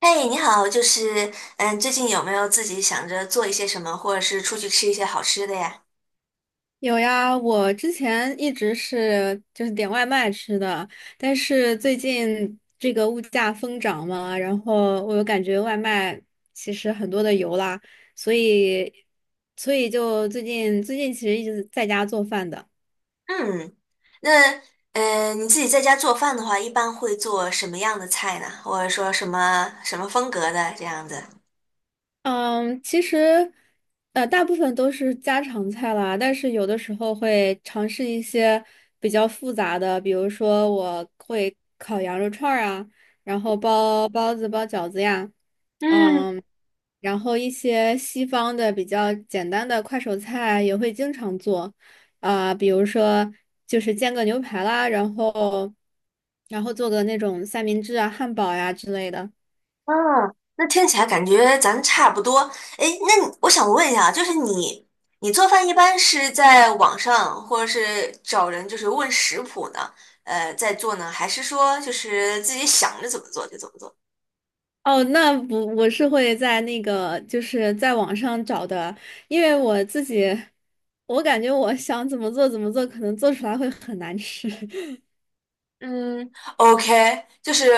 嘿，你好，最近有没有自己想着做一些什么，或者是出去吃一些好吃的呀？有呀，我之前一直是点外卖吃的，但是最近这个物价疯涨嘛，然后我又感觉外卖其实很多的油啦，所以所以就最近其实一直在家做饭的。嗯。那你自己在家做饭的话，一般会做什么样的菜呢？或者说什么风格的这样子？嗯，其实，大部分都是家常菜啦，但是有的时候会尝试一些比较复杂的，比如说我会烤羊肉串儿啊，然后包包子、包饺子呀，嗯。嗯，然后一些西方的比较简单的快手菜也会经常做，啊、比如说就是煎个牛排啦，然后，然后做个那种三明治啊、汉堡呀之类的。哦，那听起来感觉咱差不多。诶，那我想问一下，就是你你做饭一般是在网上，或者是找人就是问食谱呢？在做呢，还是说就是自己想着怎么做就怎么做？哦，那不，我是会在那个，就是在网上找的，因为我自己，我感觉我想怎么做怎么做，可能做出来会很难吃。嗯，OK，就是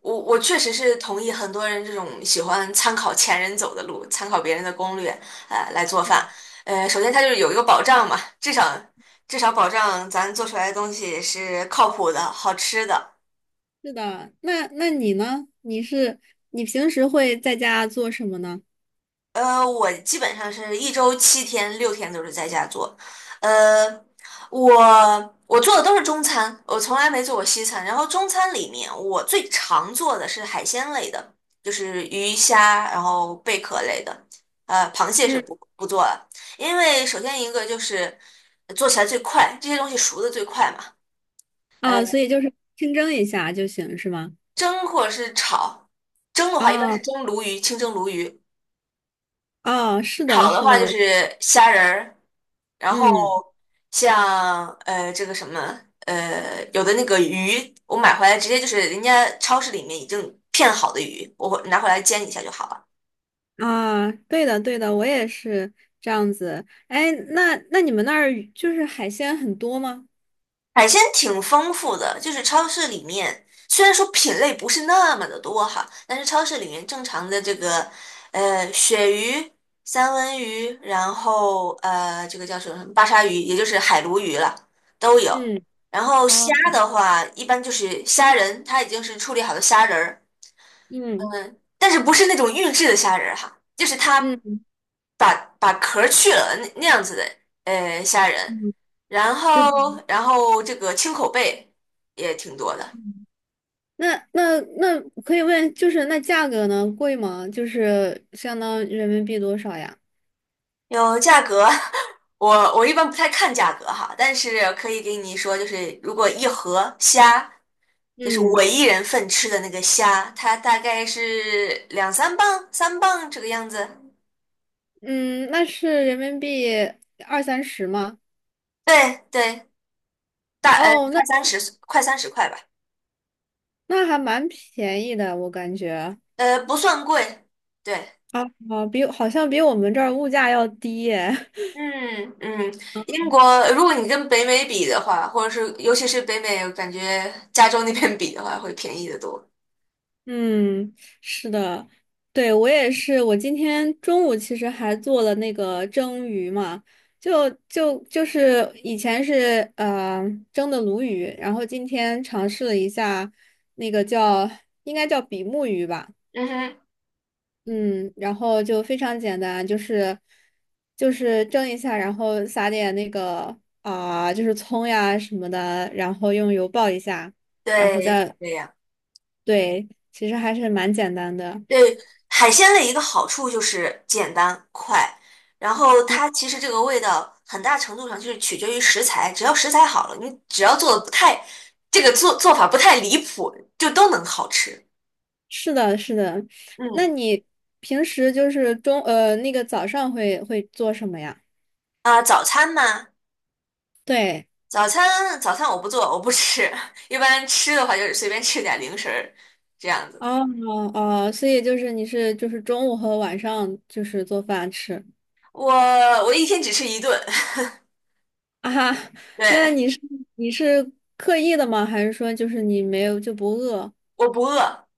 我确实是同意很多人这种喜欢参考前人走的路，参考别人的攻略，来做饭。嗯，首先它就是有一个保障嘛，至少保障咱做出来的东西是靠谱的、好吃的。是的，那那你呢？你是你平时会在家做什么呢？我基本上是一周七天，六天都是在家做。呃，我我做的都是中餐，我从来没做过西餐。然后中餐里面，我最常做的是海鲜类的，就是鱼虾，然后贝壳类的。螃蟹是嗯，不做了，因为首先一个就是做起来最快，这些东西熟的最快嘛。呃，啊，所以就是清蒸一下就行，是吗？蒸或者是炒，蒸的话一般啊是蒸鲈鱼，清蒸鲈鱼；啊，是的，炒的是话就的，是虾仁儿。然后嗯，像这个什么有的那个鱼，我买回来直接就是人家超市里面已经片好的鱼，我会拿回来煎一下就好了。啊，对的，对的，我也是这样子。哎，那那你们那儿就是海鲜很多吗？海鲜挺丰富的，就是超市里面虽然说品类不是那么的多哈，但是超市里面正常的这个鳕鱼、三文鱼，然后这个叫什么巴沙鱼，也就是海鲈鱼了，都有。嗯，然后虾哦。的话，一般就是虾仁，它已经是处理好的虾仁儿，嗯但是不是那种预制的虾仁儿哈，就是它嗯把壳儿去了那样子的虾仁，嗯，然知后道。然后这个青口贝也挺多的，那那那可以问，就是那价格呢，贵吗？就是相当人民币多少呀？有价格。我我一般不太看价格哈，但是可以给你说，就是如果一盒虾，就是我嗯一人份吃的那个虾，它大概是两三磅、三磅这个样子。嗯，那是人民币二三十吗？对对，哦，那快三十，快三十块吧，那还蛮便宜的，我感觉不算贵。对。啊啊，比好像比我们这儿物价要低耶。嗯嗯，英国，如果你跟北美比的话，或者是尤其是北美，我感觉加州那边比的话，会便宜得多。嗯，是的，对，我也是。我今天中午其实还做了那个蒸鱼嘛，就是以前是蒸的鲈鱼，然后今天尝试了一下那个叫应该叫比目鱼吧，嗯哼。嗯，然后就非常简单，就是蒸一下，然后撒点那个啊、就是葱呀什么的，然后用油爆一下，然后对，是再这样。对，其实还是蛮简单的。对，海鲜的一个好处就是简单快，然后它嗯。其实这个味道很大程度上就是取决于食材，只要食材好了，你只要做的不太，这个做法不太离谱，就都能好吃。是的，是的。那嗯。你平时就是那个早上会做什么呀？早餐嘛，对，早餐我不做，我不吃，一般吃的话就是随便吃点零食儿这样子。哦，哦，所以就是你是就是中午和晚上就是做饭吃我我一天只吃一顿，啊？那对，你是你是刻意的吗？还是说就是你没有就不饿？我不饿。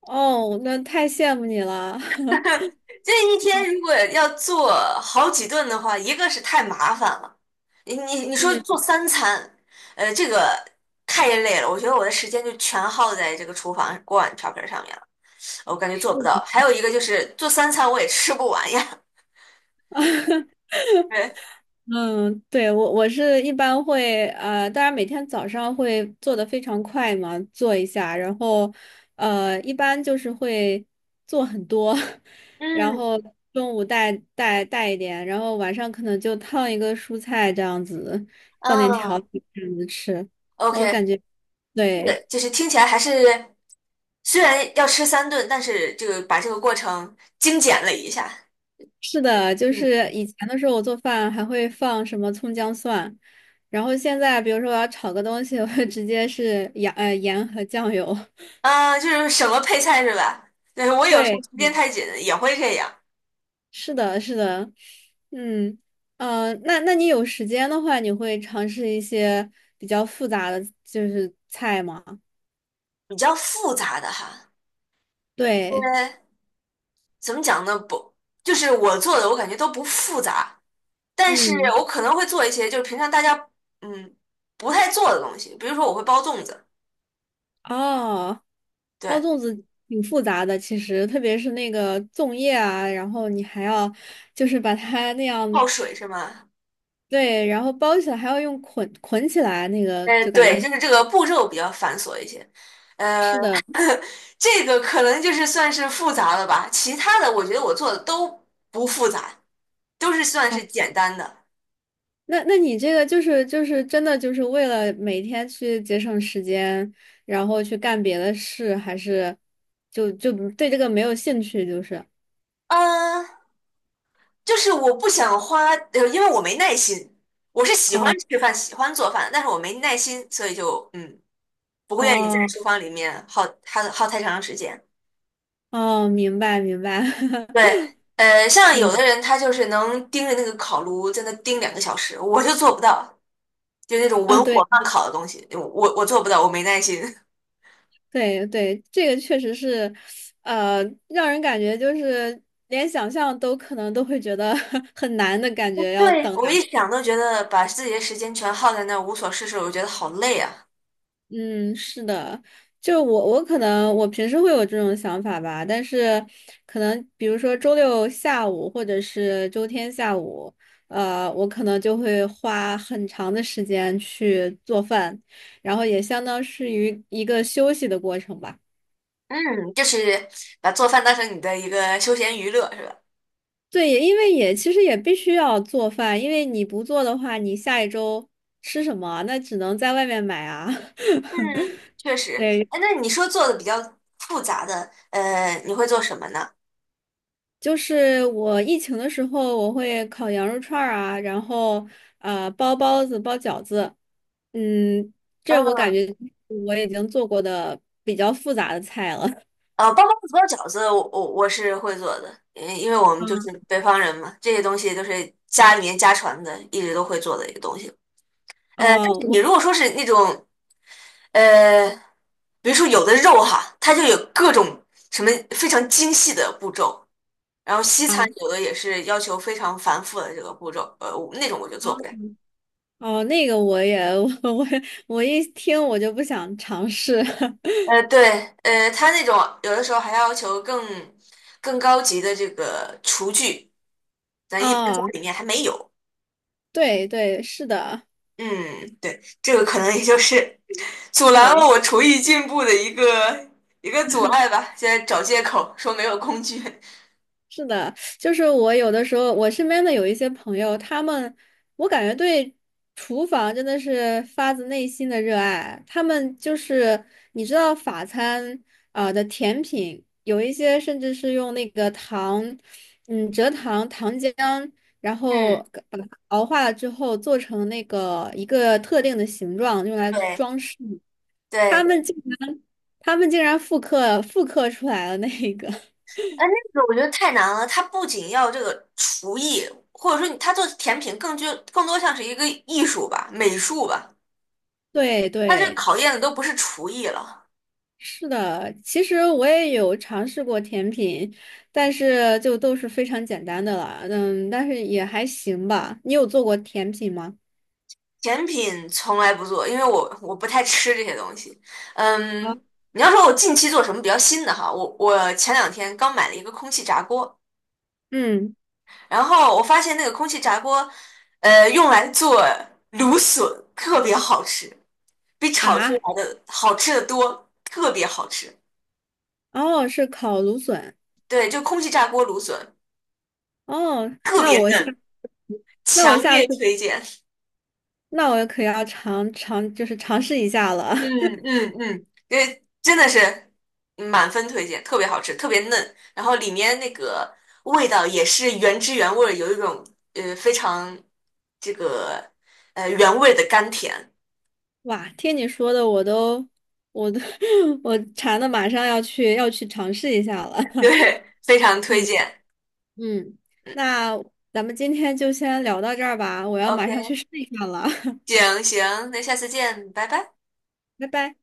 哦，那太羡慕你了。这一天如果要做好几顿的话，一个是太麻烦了，你说嗯做三餐，这个太累了。我觉得我的时间就全耗在这个厨房锅碗瓢盆上面了，我感觉做不到。还有一个就是做三餐我也吃不完呀，对。嗯，对，我我是一般会当然每天早上会做的非常快嘛，做一下，然后一般就是会做很多，然嗯后中午带一点，然后晚上可能就烫一个蔬菜这样子，放点调料嗯这样子吃，我感，OK。觉对，对，就是听起来还是虽然要吃三顿，但是这个把这个过程精简了一下。是的，就嗯。是以前的时候我做饭还会放什么葱姜蒜，然后现在比如说我要炒个东西，我会直接是 盐和酱油。啊，就是什么配菜是吧？对，我有时候对，时间太紧也会这样。是的，是的，嗯，那那你有时间的话，你会尝试一些比较复杂的就是菜吗？比较复杂的哈。呃，对，怎么讲呢？不，就是我做的我感觉都不复杂，但是嗯，我可能会做一些就是平常大家嗯不太做的东西，比如说我会包粽子。哦，包对，粽子挺复杂的，其实特别是那个粽叶啊，然后你还要就是把它那样，泡水是吗？对，然后包起来还要用捆起来，那个就感觉对，很就是这个步骤比较繁琐一些。呃。的这个可能就是算是复杂了吧，其他的我觉得我做的都不复杂，都是算是简单的。那那你这个就是就是真的就是为了每天去节省时间，然后去干别的事，还是就就对这个没有兴趣？就是嗯，就是我不想花，因为我没耐心。我是喜欢哦，吃饭，喜欢做饭，但是我没耐心，所以就不会愿意在哦，厨房里面耗太长时间。哦，明白明白，对，像有嗯的人他就是能盯着那个烤炉在那盯两个小时，我就做不到，就那种啊，文火对慢烤的东西，我我做不到，我没耐心。对对，这个确实是，呃，让人感觉就是连想象都可能都会觉得 很难的感觉，要对，等我两。一想都觉得把自己的时间全耗在那儿无所事事，我觉得好累啊。嗯，是的，就我我可能我平时会有这种想法吧，但是可能比如说周六下午或者是周天下午，我可能就会花很长的时间去做饭，然后也相当是于一个休息的过程吧。嗯，就是把做饭当成你的一个休闲娱乐，是吧？对，也因为也其实也必须要做饭，因为你不做的话，你下一周吃什么啊？那只能在外面买啊。嗯，确 实。对。哎，那你说做的比较复杂的，你会做什么呢？就是我疫情的时候，我会烤羊肉串儿啊，然后包包子、包饺子，嗯，这我嗯。感觉我已经做过的比较复杂的菜了。包包子、包饺子我我是会做的，因为我们就嗯，是北方人嘛，这些东西都是家里面家传的，一直都会做的一个东西。但哦，是你我如果说是那种呃，比如说有的肉哈，它就有各种什么非常精细的步骤，然后西餐啊，有的也是要求非常繁复的这个步骤，我那种我就哦，做不来。哦，那个我也 我我一听我就不想尝试。对,它那种有的时候还要求更高级的这个厨具，咱一般家啊，里面还没有。对对，是的。嗯，对，这个可能也就是阻拦了对。我厨艺进步的一个阻碍吧，现在找借口说没有工具。是的，就是我有的时候，我身边的有一些朋友，他们，我感觉对厨房真的是发自内心的热爱。他们就是，你知道法餐啊、的甜品，有一些甚至是用那个糖，嗯，蔗糖、糖浆，然后嗯，把它熬化了之后，做成那个一个特定的形状，用来对装饰。他们对。竟然，他们竟然复刻出来了那个，哎，那个我觉得太难了。它不仅要这个厨艺，或者说你它做甜品更就更多像是一个艺术吧、美术吧。对它这对。考验的都不是厨艺了。是的，其实我也有尝试过甜品，但是就都是非常简单的了，嗯，但是也还行吧。你有做过甜品吗？甜品从来不做，因为我不太吃这些东西。啊，嗯，你要说我近期做什么比较新的哈，我前两天刚买了一个空气炸锅，嗯然后我发现那个空气炸锅，用来做芦笋特别好吃，比炒出啊，来的好吃的多，特别好吃。哦，是烤芦笋，对，就空气炸锅芦笋，哦，特那别我下，嫩，那我强下烈次，推荐。那我可要尝尝，就是尝试一下了。嗯 嗯嗯，因为真的是满分推荐，特别好吃，特别嫩，然后里面那个味道也是原汁原味儿，有一种非常这个原味的甘甜，哇，听你说的，我都，我都，我馋的马上要去尝试一下了。对，非常推荐。嗯，那咱们今天就先聊到这儿吧，我要马上去 OK，试一下了，行行，那下次见，拜拜。拜拜。